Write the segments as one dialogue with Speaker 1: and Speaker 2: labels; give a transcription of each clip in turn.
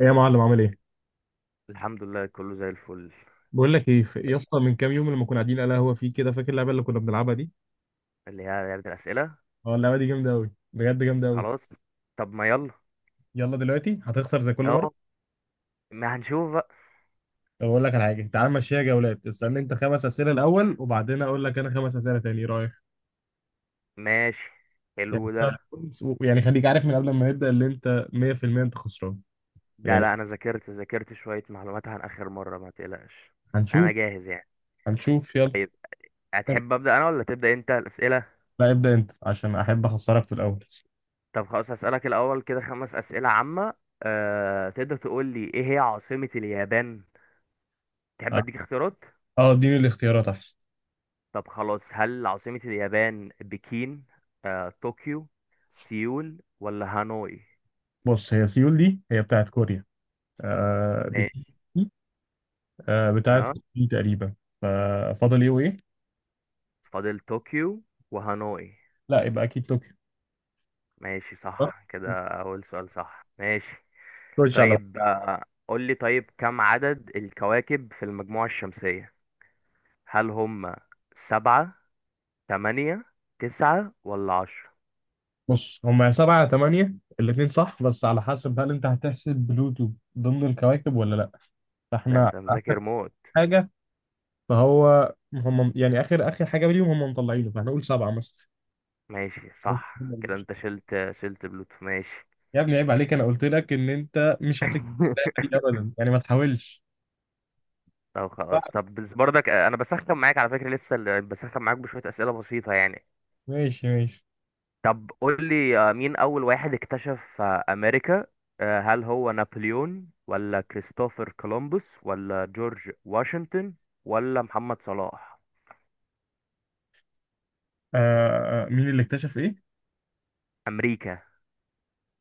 Speaker 1: ايه يا معلم، عامل ايه؟
Speaker 2: الحمد لله، كله زي الفل.
Speaker 1: بقول لك ايه، يا اسطى، من كام يوم لما كنا قاعدين على القهوه في كده، فاكر اللعبه اللي كنا بنلعبها دي؟
Speaker 2: اللي هي لعبة الأسئلة.
Speaker 1: اه، اللعبه دي جامده قوي، بجد جامده قوي.
Speaker 2: خلاص. طب ما يلا.
Speaker 1: يلا دلوقتي هتخسر زي كل مره.
Speaker 2: اهو. ما هنشوف بقى.
Speaker 1: طب اقول لك على حاجه، تعال مشيها جولات، اسالني انت خمس اسئله الاول وبعدين اقول لك انا خمس اسئله تاني، ايه رايك؟
Speaker 2: ماشي.
Speaker 1: يعني
Speaker 2: حلو ده.
Speaker 1: يعني خليك عارف من قبل ما نبدا اللي انت 100% انت خسران.
Speaker 2: ده
Speaker 1: يعني،
Speaker 2: لا، أنا ذاكرت شوية معلومات عن آخر مرة، ما تقلقش. أنا
Speaker 1: هنشوف.
Speaker 2: جاهز يعني.
Speaker 1: هنشوف يلا.
Speaker 2: طيب، هتحب أبدأ أنا ولا تبدأ أنت الأسئلة؟
Speaker 1: لا ابدا انت، عشان احب اخسرك في الاول.
Speaker 2: طب خلاص، هسألك الأول كده خمس أسئلة عامة. تقدر تقول لي إيه هي عاصمة اليابان؟ تحب
Speaker 1: اه،
Speaker 2: أديك اختيارات؟
Speaker 1: اه، اديني الاختيارات احسن.
Speaker 2: طب خلاص، هل عاصمة اليابان بكين، طوكيو، سيول، ولا هانوي؟
Speaker 1: بص هي سيول دي هي بتاعت كوريا. آه، دي
Speaker 2: ماشي.
Speaker 1: بتاعة
Speaker 2: ها.
Speaker 1: طوكيو تقريبا. ففاضل ايه وايه؟
Speaker 2: فاضل طوكيو وهانوي.
Speaker 1: لا يبقى اكيد طوكيو.
Speaker 2: ماشي،
Speaker 1: صح؟
Speaker 2: صح كده، أول سؤال صح، ماشي.
Speaker 1: خش على.
Speaker 2: طيب، قول لي، طيب كم عدد الكواكب في المجموعة الشمسية؟ هل هم سبعة، تمانية، تسعة، ولا عشرة؟
Speaker 1: بص هما سبعة تمانية الاتنين صح، بس على حسب هل انت هتحسب بلوتو ضمن الكواكب ولا لا.
Speaker 2: ده
Speaker 1: فاحنا
Speaker 2: أنت
Speaker 1: اخر
Speaker 2: مذاكر موت.
Speaker 1: حاجة، فهو هم يعني اخر اخر حاجة ليهم، هم مطلعينه، فاحنا نقول سبعة مثلا.
Speaker 2: ماشي، صح كده، أنت شلت بلوتو، ماشي.
Speaker 1: يا ابني عيب عليك، انا قلت لك ان انت مش هتكتب اللعبة دي ابدا، يعني ما تحاولش.
Speaker 2: طب خلاص، طب بس برضك، أنا بسخن معاك على فكرة، لسه بسخن معاك بشوية أسئلة بسيطة يعني.
Speaker 1: ماشي، ماشي.
Speaker 2: طب قول لي، مين أول واحد اكتشف أمريكا؟ هل هو نابليون، ولا كريستوفر كولومبوس، ولا جورج واشنطن، ولا محمد صلاح؟
Speaker 1: مين اللي اكتشف ايه؟
Speaker 2: أمريكا.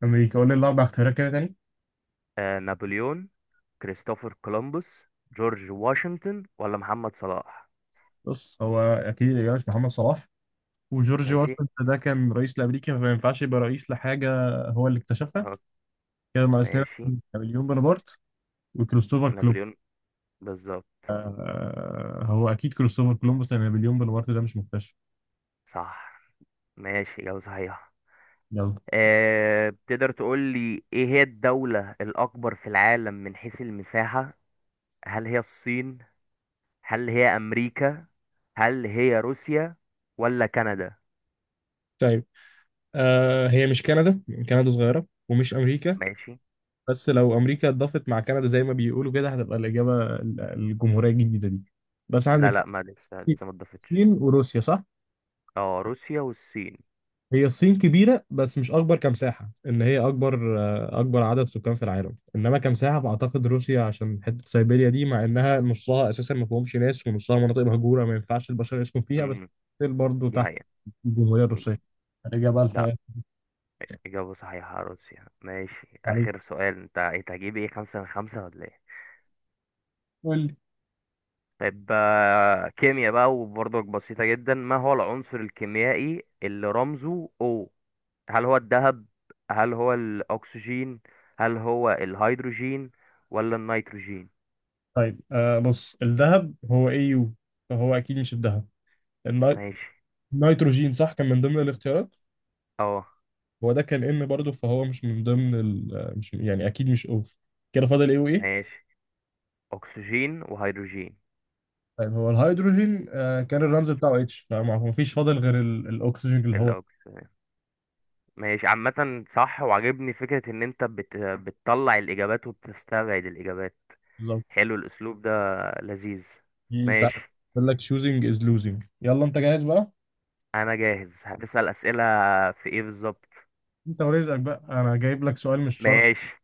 Speaker 1: امريكا. قول لي الاربع اختيارات كده تاني.
Speaker 2: نابليون، كريستوفر كولومبوس، جورج واشنطن، ولا محمد صلاح؟
Speaker 1: بص هو اكيد الاجابه مش محمد صلاح، وجورج
Speaker 2: ماشي.
Speaker 1: واشنطن ده كان رئيس لامريكا فما ينفعش يبقى رئيس لحاجه هو اللي اكتشفها.
Speaker 2: آه،
Speaker 1: كده ناقصنا
Speaker 2: ماشي.
Speaker 1: نابليون بونابرت وكريستوفر
Speaker 2: نابليون،
Speaker 1: كولومبوس.
Speaker 2: بالظبط.
Speaker 1: هو اكيد كريستوفر كولومبوس، لان نابليون بونابرت ده مش مكتشف.
Speaker 2: صح، ماشي، إجابة صحيحة.
Speaker 1: يلا.
Speaker 2: تقدر تقول لي ايه هي الدولة الأكبر في العالم من حيث المساحة؟ هل هي الصين؟ هل هي امريكا؟ هل هي روسيا؟ ولا كندا؟
Speaker 1: طيب، هي مش كندا. كندا صغيرة، ومش أمريكا.
Speaker 2: ماشي.
Speaker 1: بس لو أمريكا اتضافت مع كندا زي ما بيقولوا كده هتبقى الإجابة الجمهورية الجديدة دي. بس
Speaker 2: لا
Speaker 1: عندك
Speaker 2: لا، ما لسه لسه ما اتضافتش.
Speaker 1: الصين وروسيا، صح؟
Speaker 2: اه، روسيا والصين.
Speaker 1: هي الصين كبيرة بس مش أكبر كمساحة، إن هي أكبر عدد سكان في العالم، إنما كمساحة فأعتقد روسيا عشان حتة سيبيريا دي، مع إنها نصها أساسا ما فيهمش ناس، ونصها مناطق مهجورة ما ينفعش البشر يسكن فيها، بس
Speaker 2: امم.
Speaker 1: برضه
Speaker 2: دي
Speaker 1: تحت
Speaker 2: هي.
Speaker 1: الجمهورية الروسية الإجابة بقى
Speaker 2: لا،
Speaker 1: الحقيقة.
Speaker 2: اجابه صحيحه، روسيا، ماشي،
Speaker 1: عليك.
Speaker 2: اخر سؤال، انت إيه، انت هتجيب ايه، خمسة من خمسة ولا ايه؟
Speaker 1: قول لي.
Speaker 2: طيب، كيمياء بقى، وبرضك بسيطة جدا، ما هو العنصر الكيميائي اللي رمزه O؟ هل هو الذهب؟ هل هو الأكسجين؟ هل هو الهيدروجين؟ ولا النيتروجين؟
Speaker 1: طيب، بص الذهب هو اي يو، فهو أكيد مش الذهب. الني-
Speaker 2: ماشي.
Speaker 1: النيتروجين صح كان من ضمن الاختيارات.
Speaker 2: اه.
Speaker 1: هو ده كان ان برضه، فهو مش من ضمن ال... آه، مش يعني أكيد مش اوف. كده فاضل ايه وايه؟
Speaker 2: ماشي. اكسجين وهيدروجين.
Speaker 1: طيب، هو الهيدروجين كان الرمز بتاعه اتش، فما ما فيش فاضل غير الاكسجين، اللي هو
Speaker 2: الاكسجين. ماشي، عامة صح، وعجبني فكرة ان انت بتطلع الاجابات وبتستبعد الاجابات.
Speaker 1: بالظبط.
Speaker 2: حلو الاسلوب ده، لذيذ.
Speaker 1: دي بتاع.
Speaker 2: ماشي.
Speaker 1: بيقول لك choosing is losing. يلا انت جاهز بقى؟
Speaker 2: انا جاهز، هتسأل اسئلة في ايه بالظبط؟
Speaker 1: انت ورزقك بقى، انا جايب لك سؤال مش شرط.
Speaker 2: ماشي.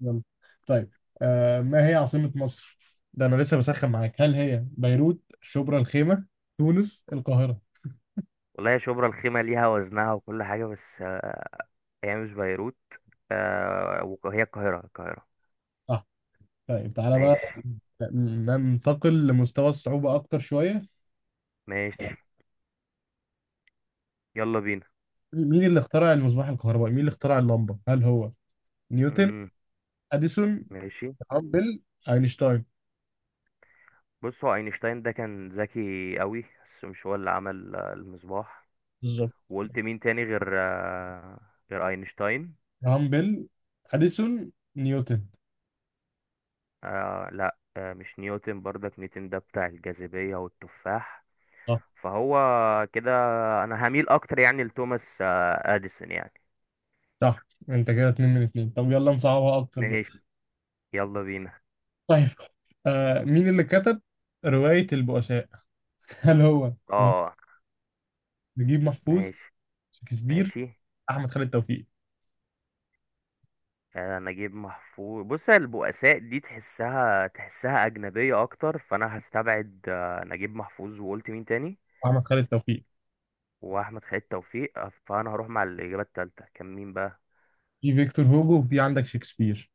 Speaker 1: يلا. طيب، ما هي عاصمة مصر؟ ده انا لسه بسخن معاك، هل هي بيروت، شبرا الخيمة، تونس، القاهرة؟
Speaker 2: والله يا شبرا الخيمة ليها وزنها وكل حاجة، بس هي مش بيروت، وهي القاهرة، القاهرة.
Speaker 1: صح. طيب تعالى بقى
Speaker 2: ماشي
Speaker 1: ننتقل لمستوى الصعوبة اكتر شوية.
Speaker 2: ماشي. يلا بينا.
Speaker 1: مين اللي اخترع المصباح الكهربائي؟ مين اللي اخترع اللمبة؟ هل هو نيوتن،
Speaker 2: امم.
Speaker 1: اديسون،
Speaker 2: ماشي.
Speaker 1: هامبل، اينشتاين؟
Speaker 2: بص هو اينشتاين ده كان ذكي قوي، بس مش هو اللي عمل المصباح.
Speaker 1: بالظبط.
Speaker 2: وقلت مين تاني غير اينشتاين؟
Speaker 1: هامبل، اديسون، نيوتن.
Speaker 2: لا، مش نيوتن برضك، نيوتن ده بتاع الجاذبية والتفاح.
Speaker 1: صح.
Speaker 2: فهو كده. انا هميل اكتر يعني لتوماس اديسون يعني.
Speaker 1: صح، انت كده اتنين من اتنين. طب يلا نصعبها اكتر بقى.
Speaker 2: ماشي. يلا بينا.
Speaker 1: طيب، مين اللي كتب رواية البؤساء؟ هل هو
Speaker 2: اه.
Speaker 1: نجيب محفوظ،
Speaker 2: ماشي
Speaker 1: شكسبير،
Speaker 2: ماشي.
Speaker 1: احمد خالد توفيق؟
Speaker 2: نجيب محفوظ، بص البؤساء دي تحسها أجنبية أكتر، فأنا هستبعد نجيب محفوظ، وقلت مين تاني،
Speaker 1: احمد خالد توفيق،
Speaker 2: وأحمد خالد توفيق، فأنا هروح مع الإجابة التالتة، كان مين بقى؟
Speaker 1: في فيكتور هوجو، وفي عندك شكسبير.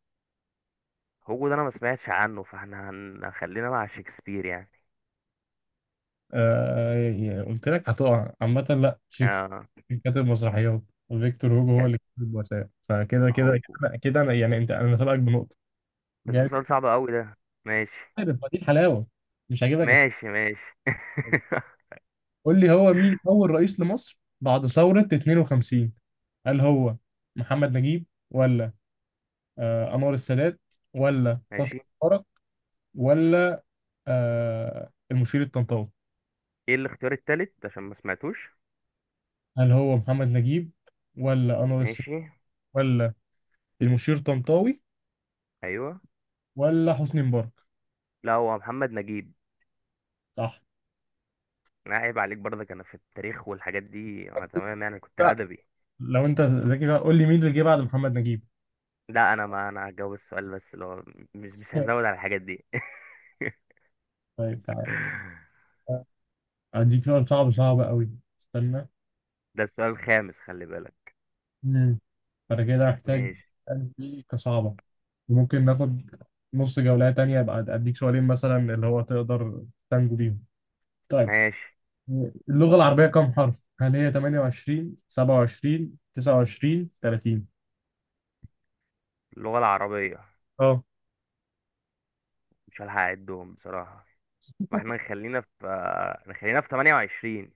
Speaker 2: هوجو ده انا ما سمعتش عنه، فاحنا خلينا مع شكسبير يعني.
Speaker 1: يعني قلت لك هتقع عامة، لا شكسبير
Speaker 2: اه.
Speaker 1: كاتب مسرحيات، وفيكتور هوجو هو
Speaker 2: كانت
Speaker 1: اللي كاتب البؤساء، فكده كده
Speaker 2: هوجو،
Speaker 1: كده كده انا يعني انا سابقك بنقطة.
Speaker 2: بس ده سؤال صعب قوي ده. ماشي.
Speaker 1: عارف، ما دي الحلاوه. مش هجيبك.
Speaker 2: ماشي ماشي.
Speaker 1: قول لي، هو مين اول رئيس لمصر بعد ثوره 52؟ هل هو محمد نجيب، ولا انور السادات، ولا حسني
Speaker 2: ماشي.
Speaker 1: مبارك، ولا المشير الطنطاوي؟
Speaker 2: ايه الاختيار التالت عشان ما سمعتوش؟
Speaker 1: هل هو محمد نجيب، ولا انور السادات،
Speaker 2: ماشي.
Speaker 1: ولا المشير الطنطاوي،
Speaker 2: ايوه.
Speaker 1: ولا حسني مبارك؟
Speaker 2: لا، هو محمد نجيب.
Speaker 1: صح.
Speaker 2: لا عيب عليك برضك، انا في التاريخ والحاجات دي انا تمام يعني، كنت
Speaker 1: لا
Speaker 2: ادبي.
Speaker 1: لو انت ذكي بقى، قول لي مين اللي جه بعد محمد نجيب.
Speaker 2: لا، انا ما انا هجاوب السؤال، بس لو مش هزود على الحاجات دي.
Speaker 1: طيب، تعالى اديك سؤال صعب، صعب قوي. استنى.
Speaker 2: ده السؤال الخامس، خلي بالك.
Speaker 1: فأنا كده هحتاج
Speaker 2: ماشي.
Speaker 1: أسأل دي كصعبة، ممكن ناخد نص جولة تانية، أبقى أديك سؤالين مثلا، اللي هو تقدر تنجو بيهم. طيب،
Speaker 2: ماشي.
Speaker 1: اللغة العربية كم حرف؟ هل هي 28، 27، 29، 30؟
Speaker 2: اللغة العربية،
Speaker 1: اه.
Speaker 2: مش هلحق اعدهم بصراحة، فاحنا نخلينا في 28.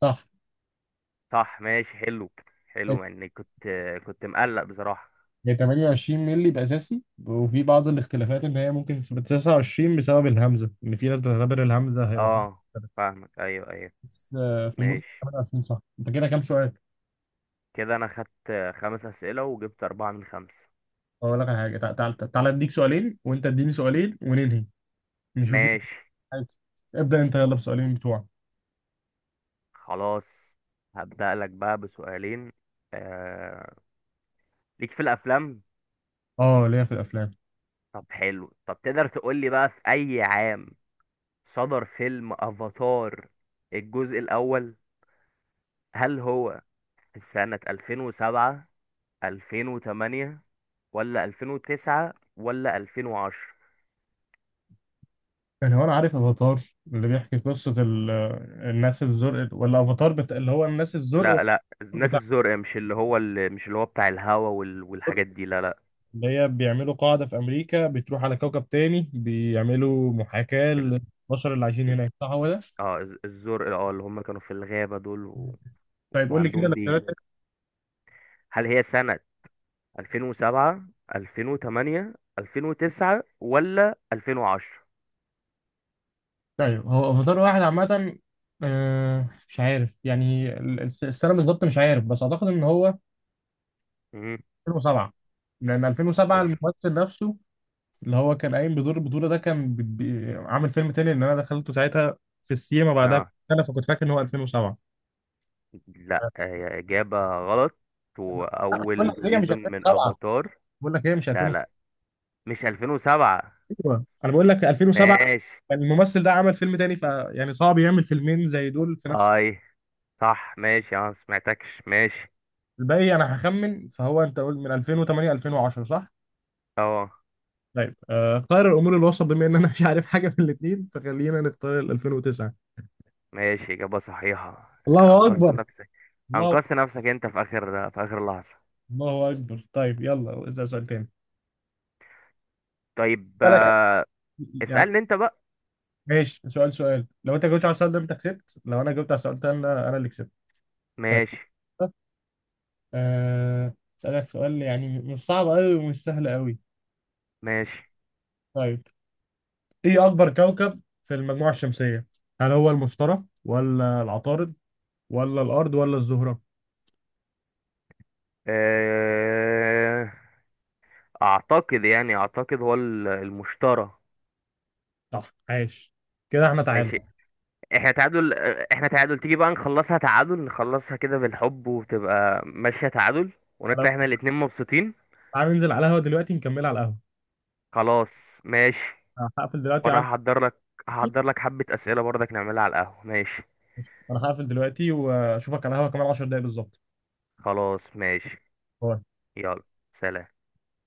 Speaker 1: صح،
Speaker 2: صح، ماشي، حلو. حلو يعني، كنت مقلق بصراحة.
Speaker 1: هي 28 مللي الأساسي، وفي بعض الاختلافات إن هي ممكن تبقى 29 بسبب الهمزة، إن في ناس بتعتبر الهمزة هي واحدة.
Speaker 2: اه، فاهمك، ايوه، ايوه.
Speaker 1: بس في المطلق
Speaker 2: ماشي.
Speaker 1: 28 صح. أنت كده كام سؤال؟
Speaker 2: كده انا خدت خمس اسئلة وجبت اربعة من خمسة.
Speaker 1: أقول لك على حاجة، تعالى أديك سؤالين، وأنت اديني سؤالين، وننهي، نشوف مين
Speaker 2: ماشي
Speaker 1: عايز. ابدأ انت يلا بسؤالين بتوعك.
Speaker 2: خلاص، هبدأ لك بقى بسؤالين. آه... ليك في الافلام.
Speaker 1: اه، ليا في الافلام.
Speaker 2: طب حلو، طب تقدر تقول لي بقى في اي عام صدر فيلم افاتار الجزء الاول؟ هل هو في سنة 2007، 2008، ولا 2009، ولا 2010؟
Speaker 1: يعني هو انا عارف افاتار، اللي بيحكي قصة الناس الزرق، ولا افاتار اللي هو الناس الزرق،
Speaker 2: لا لا،
Speaker 1: والأفاتار
Speaker 2: الناس
Speaker 1: بتاع
Speaker 2: الزرق مش اللي هو، اللي مش اللي هو بتاع الهوا
Speaker 1: الزرق،
Speaker 2: والحاجات دي، لا لا.
Speaker 1: اللي هي بيعملوا قاعدة في امريكا، بتروح على كوكب تاني، بيعملوا محاكاة
Speaker 2: ال...
Speaker 1: للبشر اللي عايشين هناك، صح هو ده؟
Speaker 2: اه، الزرق، اه اللي هم كانوا في الغابة دول
Speaker 1: طيب قول لي كده
Speaker 2: وعندهم ديل.
Speaker 1: الاختيارات.
Speaker 2: هل هي سنة 2007، 2008، 2009، ولا 2010؟
Speaker 1: طيب هو افاتار واحد عامة. مش عارف يعني السنة بالظبط، مش عارف، بس اعتقد ان هو
Speaker 2: امم.
Speaker 1: 2007. لان 2007، الممثل نفسه، اللي هو كان قايم بدور البطولة ده كان عامل فيلم تاني اللي أنا دخلته ساعتها في السينما بعدها
Speaker 2: اه
Speaker 1: بسنة، فكنت فاكر إن هو 2007.
Speaker 2: لا، هي إجابة غلط،
Speaker 1: لا، بقول لك
Speaker 2: وأول
Speaker 1: هي مش
Speaker 2: سيزون من
Speaker 1: 2007.
Speaker 2: أفاتار.
Speaker 1: بقول لك هي مش
Speaker 2: لا
Speaker 1: 2007.
Speaker 2: لا، مش 2007.
Speaker 1: أيوة. أنا بقول لك 2007
Speaker 2: ماشي.
Speaker 1: كان الممثل ده عمل فيلم تاني، فيعني صعب يعمل فيلمين زي دول في نفس
Speaker 2: هاي، صح ماشي، اه سمعتكش، ماشي.
Speaker 1: الباقي. أنا هخمن، فهو، أنت قول من 2008، 2010 صح؟
Speaker 2: اه.
Speaker 1: طيب، خير الأمور الوسط، بما إن أنا مش عارف حاجة في الاتنين فخلينا نختار ال 2009.
Speaker 2: ماشي، إجابة صحيحة،
Speaker 1: الله
Speaker 2: أنقذت
Speaker 1: أكبر.
Speaker 2: نفسك.
Speaker 1: الله.
Speaker 2: أنقذت نفسك أنت في آخر لحظة.
Speaker 1: الله أكبر. طيب يلا اسأل سؤال تاني.
Speaker 2: طيب،
Speaker 1: بالك. يعني
Speaker 2: اسألني أنت بقى.
Speaker 1: ماشي، سؤال، لو انت جاوبت على السؤال ده انت كسبت، لو انا جاوبت على السؤال ده انا اللي كسبت. طيب،
Speaker 2: ماشي
Speaker 1: آه، اسالك سؤال يعني مش صعب قوي ومش سهل قوي.
Speaker 2: ماشي.
Speaker 1: طيب، ايه اكبر كوكب في المجموعة الشمسية؟ هل هو المشتري، ولا العطارد، ولا الارض، ولا الزهرة؟
Speaker 2: آه، أعتقد هو المشترى.
Speaker 1: صح، عاش، كده احنا
Speaker 2: ماشي،
Speaker 1: تعادل.
Speaker 2: احنا تعادل، تيجي بقى نخلصها تعادل، نخلصها كده بالحب، وتبقى ماشية تعادل، ونطلع
Speaker 1: أنا-
Speaker 2: احنا الاتنين مبسوطين.
Speaker 1: تعال ننزل على القهوة دلوقتي نكمل على القهوة.
Speaker 2: خلاص ماشي.
Speaker 1: أنا هقفل دلوقتي
Speaker 2: وانا
Speaker 1: عاد.
Speaker 2: هحضر لك حبة اسئلة برضك نعملها على القهوة، ماشي.
Speaker 1: انا هقفل دلوقتي واشوفك على القهوة كمان 10 دقايق بالظبط.
Speaker 2: خلاص ماشي. يلا. سلام.